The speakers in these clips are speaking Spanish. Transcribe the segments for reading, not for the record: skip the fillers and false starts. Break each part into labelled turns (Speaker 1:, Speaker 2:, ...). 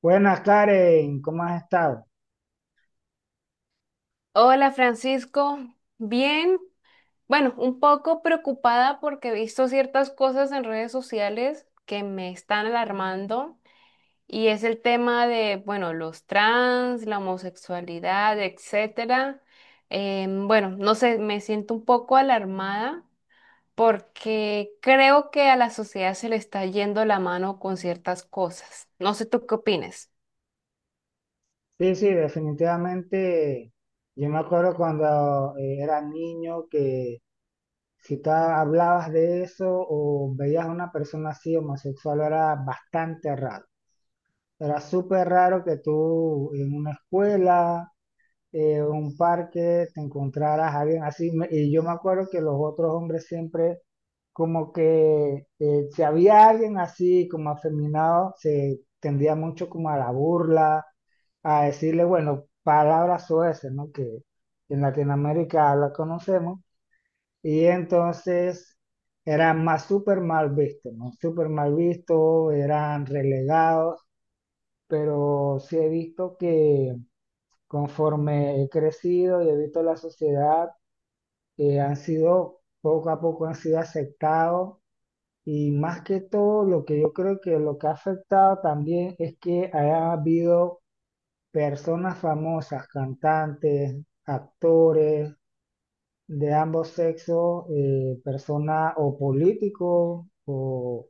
Speaker 1: Buenas, Karen, ¿cómo has estado?
Speaker 2: Hola Francisco, bien, bueno, un poco preocupada porque he visto ciertas cosas en redes sociales que me están alarmando y es el tema de, bueno, los trans, la homosexualidad, etcétera. Bueno, no sé, me siento un poco alarmada porque creo que a la sociedad se le está yendo la mano con ciertas cosas. No sé tú qué opinas.
Speaker 1: Sí, sí, definitivamente. Yo me acuerdo cuando era niño que si tú hablabas de eso o veías a una persona así homosexual era bastante raro. Era súper raro que tú en una escuela, un parque, te encontraras a alguien así. Y yo me acuerdo que los otros hombres siempre, como que si había alguien así, como afeminado, se tendía mucho como a la burla, a decirle, bueno, palabras soeces, ¿no? Que en Latinoamérica la conocemos. Y entonces eran más súper mal vistos, ¿no? Súper mal vistos, eran relegados, pero sí he visto que, conforme he crecido y he visto la sociedad, han sido, poco a poco han sido aceptados, y más que todo lo que yo creo que lo que ha afectado también es que haya habido personas famosas, cantantes, actores de ambos sexos, personas o políticos o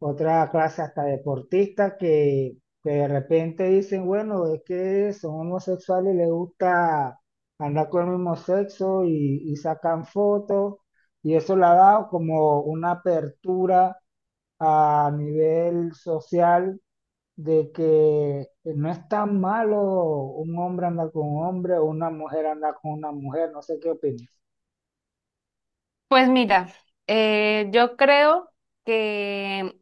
Speaker 1: otra clase hasta deportistas que de repente dicen, bueno, es que son homosexuales y les gusta andar con el mismo sexo y sacan fotos, y eso le ha dado como una apertura a nivel social de que no es tan malo un hombre andar con un hombre o una mujer andar con una mujer. No sé qué opinas.
Speaker 2: Pues mira, yo creo que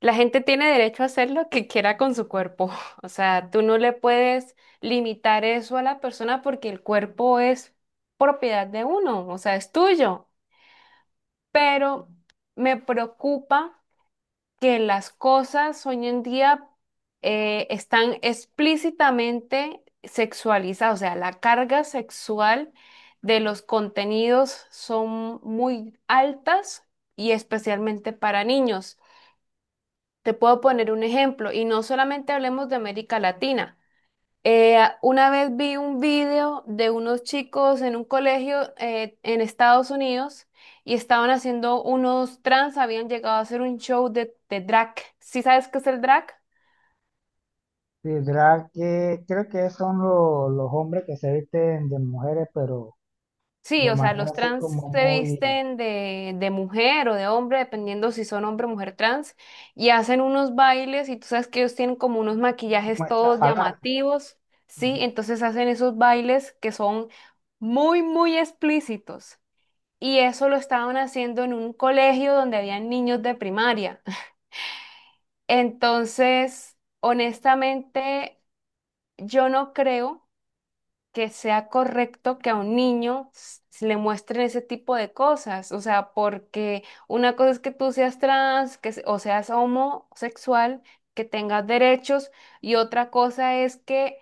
Speaker 2: la gente tiene derecho a hacer lo que quiera con su cuerpo. O sea, tú no le puedes limitar eso a la persona porque el cuerpo es propiedad de uno, o sea, es tuyo. Pero me preocupa que las cosas hoy en día están explícitamente sexualizadas. O sea, la carga sexual de los contenidos son muy altas y especialmente para niños. Te puedo poner un ejemplo y no solamente hablemos de América Latina. Una vez vi un video de unos chicos en un colegio en Estados Unidos y estaban haciendo unos trans, habían llegado a hacer un show de drag. ¿Sí sabes qué es el drag?
Speaker 1: Sí, ¿verdad? Que creo que son los hombres que se visten de mujeres, pero
Speaker 2: Sí,
Speaker 1: de
Speaker 2: o sea,
Speaker 1: manera
Speaker 2: los
Speaker 1: así
Speaker 2: trans
Speaker 1: como
Speaker 2: se
Speaker 1: muy,
Speaker 2: visten de mujer o de hombre, dependiendo si son hombre o mujer trans, y hacen unos bailes y tú sabes que ellos tienen como unos
Speaker 1: como
Speaker 2: maquillajes todos
Speaker 1: estrafalar.
Speaker 2: llamativos, ¿sí?
Speaker 1: Ujú.
Speaker 2: Entonces hacen esos bailes que son muy, muy explícitos. Y eso lo estaban haciendo en un colegio donde habían niños de primaria. Entonces, honestamente, yo no creo que sea correcto que a un niño se le muestren ese tipo de cosas. O sea, porque una cosa es que tú seas trans, o seas homosexual, que tengas derechos, y otra cosa es que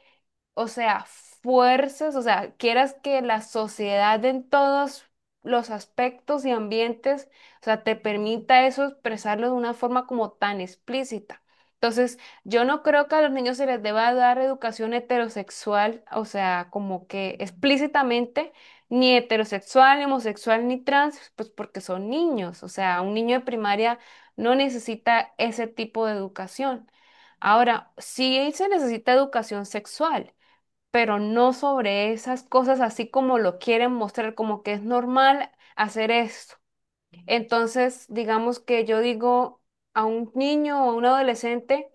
Speaker 2: o sea, fuerzas, o sea, quieras que la sociedad en todos los aspectos y ambientes, o sea, te permita eso expresarlo de una forma como tan explícita. Entonces, yo no creo que a los niños se les deba dar educación heterosexual, o sea, como que explícitamente, ni heterosexual, ni homosexual, ni trans, pues porque son niños, o sea, un niño de primaria no necesita ese tipo de educación. Ahora, sí se necesita educación sexual pero no sobre esas cosas así como lo quieren mostrar, como que es normal hacer esto. Entonces, digamos que yo digo a un niño o a un adolescente,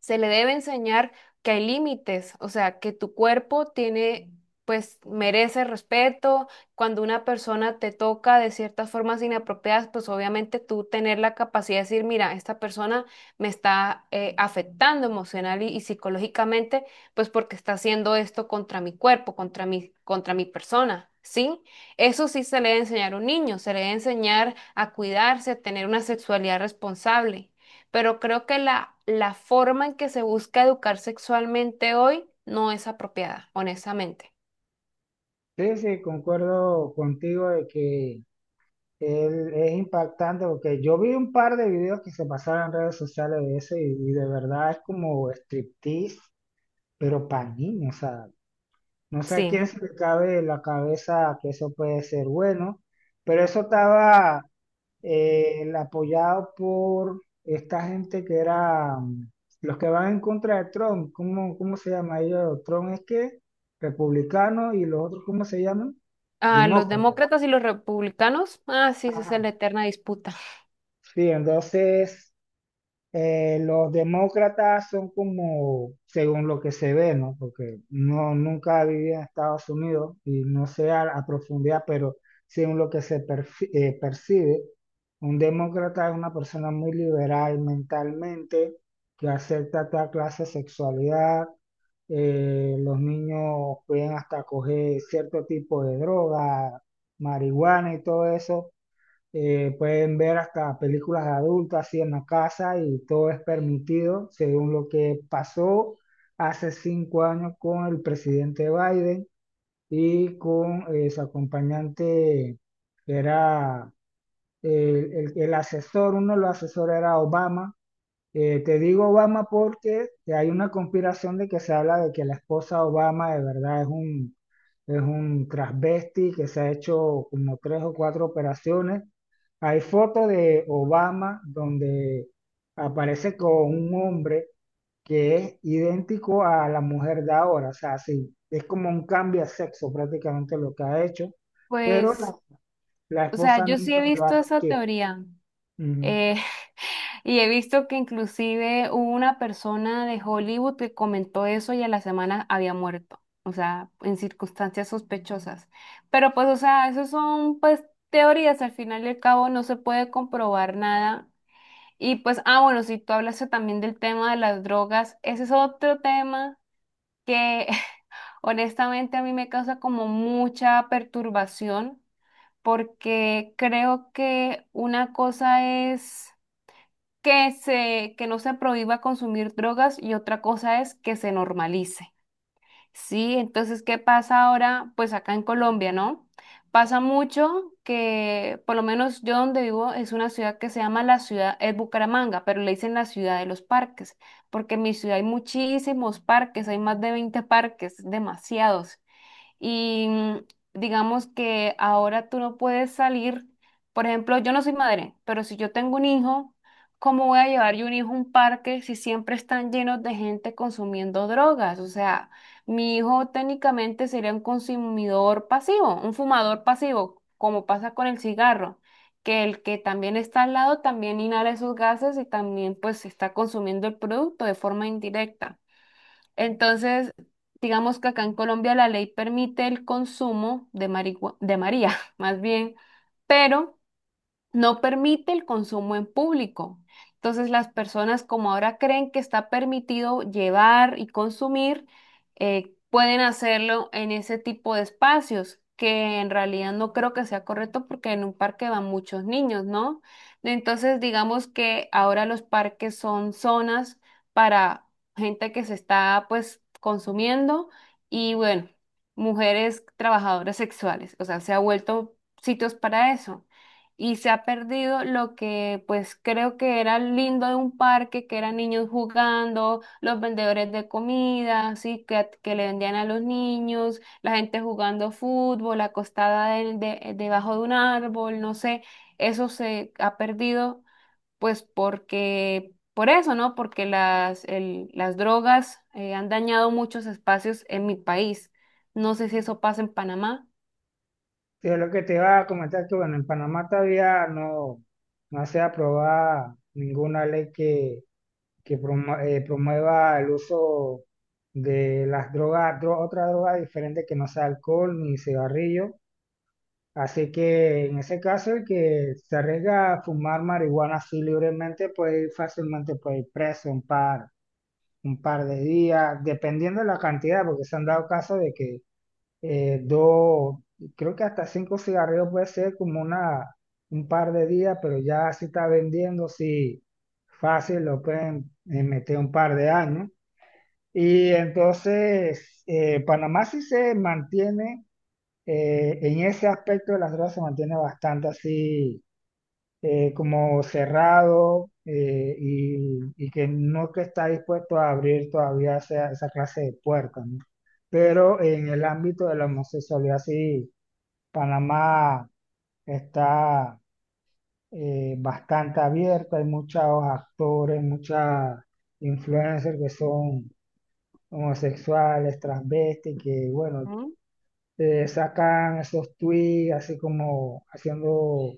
Speaker 2: se le debe enseñar que hay límites, o sea, que tu cuerpo tiene, pues, merece respeto. Cuando una persona te toca de ciertas formas inapropiadas, pues obviamente tú tener la capacidad de decir, mira, esta persona me está afectando emocional y psicológicamente, pues porque está haciendo esto contra mi cuerpo, contra mi persona. Sí, eso sí se le debe enseñar a un niño, se le debe enseñar a cuidarse, a tener una sexualidad responsable pero creo que la forma en que se busca educar sexualmente hoy no es apropiada, honestamente.
Speaker 1: Sí, sí, concuerdo contigo de que él es impactante porque yo vi un par de videos que se pasaron en redes sociales de eso y de verdad es como striptease, pero para niños, o sea, no sé a
Speaker 2: Sí.
Speaker 1: quién se le cabe en la cabeza que eso puede ser bueno, pero eso estaba el apoyado por esta gente que era, los que van en contra de Trump. ¿Cómo, cómo se llama ellos? Trump es que republicano, y los otros, ¿cómo se llaman?
Speaker 2: A los
Speaker 1: Demócratas.
Speaker 2: demócratas y los republicanos, ah, sí, esa es la
Speaker 1: Ajá.
Speaker 2: eterna disputa.
Speaker 1: Sí, entonces, los demócratas son como, según lo que se ve, ¿no? Porque no, nunca viví en Estados Unidos y no sé a profundidad, pero según lo que se percibe, un demócrata es una persona muy liberal mentalmente, que acepta toda clase de sexualidad. Los niños pueden hasta coger cierto tipo de droga, marihuana y todo eso. Pueden ver hasta películas adultas así en la casa y todo es permitido, según lo que pasó hace 5 años con el presidente Biden y con su acompañante. Era el asesor, uno de los asesores era Obama. Te digo Obama porque hay una conspiración de que se habla de que la esposa Obama de verdad es es un transvesti que se ha hecho como tres o cuatro operaciones. Hay fotos de Obama donde aparece con un hombre que es idéntico a la mujer de ahora. O sea, sí, es como un cambio de sexo prácticamente lo que ha hecho, pero
Speaker 2: Pues,
Speaker 1: la
Speaker 2: o sea,
Speaker 1: esposa
Speaker 2: yo sí he
Speaker 1: nunca lo ha
Speaker 2: visto esa
Speaker 1: admitido.
Speaker 2: teoría.
Speaker 1: Ujú.
Speaker 2: eh, y he visto que inclusive hubo una persona de Hollywood que comentó eso y a la semana había muerto, o sea, en circunstancias sospechosas. Pero pues, o sea, eso son pues teorías, al final y al cabo no se puede comprobar nada. Y pues, ah, bueno, si tú hablaste también del tema de las drogas, ese es otro tema que honestamente a mí me causa como mucha perturbación, porque creo que una cosa es que no se prohíba consumir drogas y otra cosa es que se normalice. Sí, entonces, ¿qué pasa ahora? Pues acá en Colombia, ¿no? Pasa mucho que, por lo menos yo donde vivo, es una ciudad que se llama la ciudad, es Bucaramanga, pero le dicen la ciudad de los parques, porque en mi ciudad hay muchísimos parques, hay más de 20 parques, demasiados, y digamos que ahora tú no puedes salir. Por ejemplo, yo no soy madre, pero si yo tengo un hijo, ¿cómo voy a llevar yo un hijo a un parque si siempre están llenos de gente consumiendo drogas? O sea, mi hijo técnicamente sería un consumidor pasivo, un fumador pasivo, como pasa con el cigarro, que el que también está al lado también inhala esos gases y también pues está consumiendo el producto de forma indirecta. Entonces, digamos que acá en Colombia la ley permite el consumo de María, más bien, pero no permite el consumo en público. Entonces las personas como ahora creen que está permitido llevar y consumir, pueden hacerlo en ese tipo de espacios, que en realidad no creo que sea correcto porque en un parque van muchos niños, ¿no? Entonces digamos que ahora los parques son zonas para gente que se está pues consumiendo y bueno, mujeres trabajadoras sexuales, o sea, se ha vuelto sitios para eso y se ha perdido lo que pues creo que era lindo de un parque, que eran niños jugando, los vendedores de comida, así que le vendían a los niños, la gente jugando fútbol, acostada debajo de un árbol, no sé, eso se ha perdido pues porque, por eso, ¿no? Porque las drogas han dañado muchos espacios en mi país. No sé si eso pasa en Panamá.
Speaker 1: Sí, es lo que te iba a comentar que, bueno, en Panamá todavía no, no se ha aprobado ninguna ley que, que promueva el uso de las drogas, otra droga diferente que no sea alcohol ni cigarrillo. Así que en ese caso, el que se arriesga a fumar marihuana así libremente puede ir fácilmente, puede ir preso un par de días, dependiendo de la cantidad, porque se han dado casos de que dos, creo que hasta cinco cigarrillos puede ser como un par de días, pero ya si está vendiendo, sí, fácil, lo pueden meter un par de años. Y entonces, Panamá sí se mantiene, en ese aspecto de las drogas se mantiene bastante así, como cerrado. Y que no, que está dispuesto a abrir todavía esa clase de puertas, ¿no? Pero en el ámbito de la homosexualidad, sí, Panamá está bastante abierta. Hay muchos actores, muchas influencers que son homosexuales, transvestis, que bueno, sacan esos tweets así como haciendo,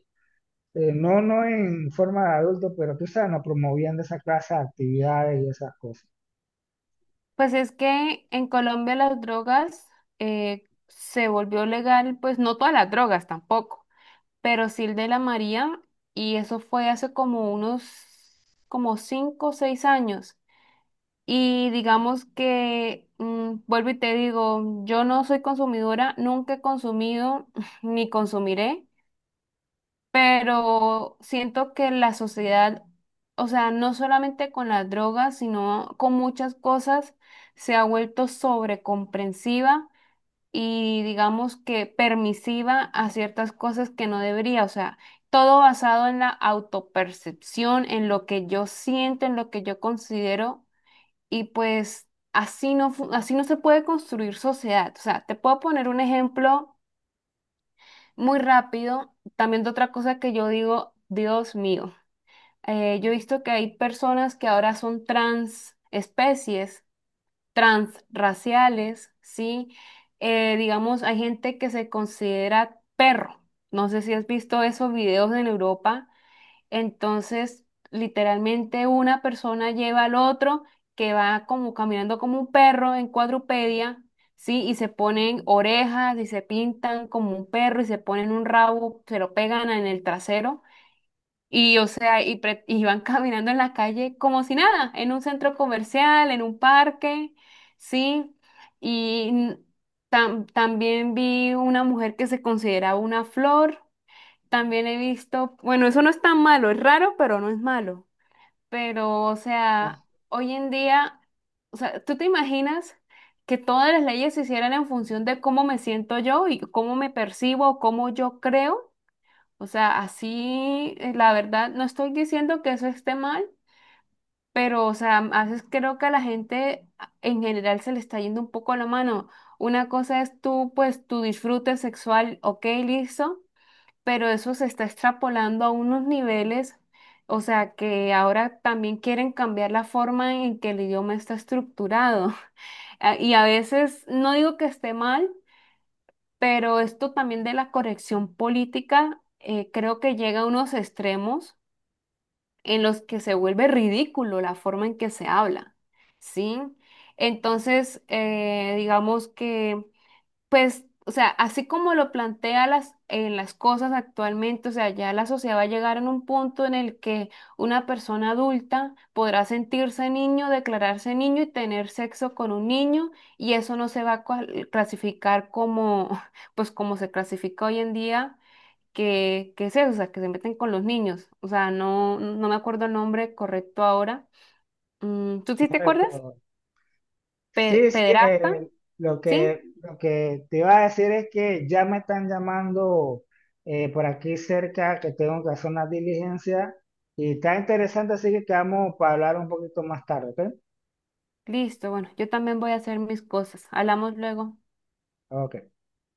Speaker 1: no, no en forma de adulto, pero tú sabes, no promoviendo esa clase de actividades y esas cosas.
Speaker 2: Pues es que en Colombia las drogas se volvió legal, pues no todas las drogas tampoco, pero sí el de la María, y eso fue hace como unos, como 5 o 6 años. Y digamos que, vuelvo y te digo, yo no soy consumidora, nunca he consumido ni consumiré, pero siento que la sociedad, o sea, no solamente con las drogas, sino con muchas cosas, se ha vuelto sobrecomprensiva y digamos que permisiva a ciertas cosas que no debería, o sea, todo basado en la autopercepción, en lo que yo siento, en lo que yo considero y pues así no, así no se puede construir sociedad. O sea, te puedo poner un ejemplo muy rápido. También de otra cosa que yo digo, Dios mío, yo he visto que hay personas que ahora son trans especies, transraciales, ¿sí? Digamos, hay gente que se considera perro. No sé si has visto esos videos en Europa. Entonces, literalmente una persona lleva al otro que va como caminando como un perro en cuadrupedia, ¿sí? Y se ponen orejas y se pintan como un perro y se ponen un rabo, se lo pegan en el trasero. Y, o sea, y van caminando en la calle como si nada, en un centro comercial, en un parque, ¿sí? Y también vi una mujer que se consideraba una flor, también he visto, bueno, eso no es tan malo, es raro, pero no es malo. Pero, o sea, hoy en día, o sea, ¿tú te imaginas que todas las leyes se hicieran en función de cómo me siento yo y cómo me percibo, cómo yo creo? O sea, así, la verdad, no estoy diciendo que eso esté mal, pero, o sea, a veces creo que a la gente en general se le está yendo un poco la mano. Una cosa es tú, pues, tu disfrute sexual, ok, listo, pero eso se está extrapolando a unos niveles, o sea, que ahora también quieren cambiar la forma en que el idioma está estructurado. Ah, y a veces, no digo que esté mal, pero esto también de la corrección política, creo que llega a unos extremos en los que se vuelve ridículo la forma en que se habla, ¿sí? Entonces, digamos que... Pues, o sea, así como lo plantea en las cosas actualmente, o sea, ya la sociedad va a llegar en un punto en el que una persona adulta podrá sentirse niño, declararse niño y tener sexo con un niño, y eso no se va a clasificar como, pues como se clasifica hoy en día, que es eso, o sea, que se meten con los niños. O sea, no, no me acuerdo el nombre correcto ahora. ¿Tú sí te acuerdas?
Speaker 1: Correcto. Sí, sí,
Speaker 2: Pederasta, ¿sí?
Speaker 1: lo que te iba a decir es que ya me están llamando por aquí cerca, que tengo que hacer una diligencia y está interesante, así que quedamos para hablar un poquito más tarde, ¿ok?
Speaker 2: Listo, bueno, yo también voy a hacer mis cosas. Hablamos luego.
Speaker 1: Ok.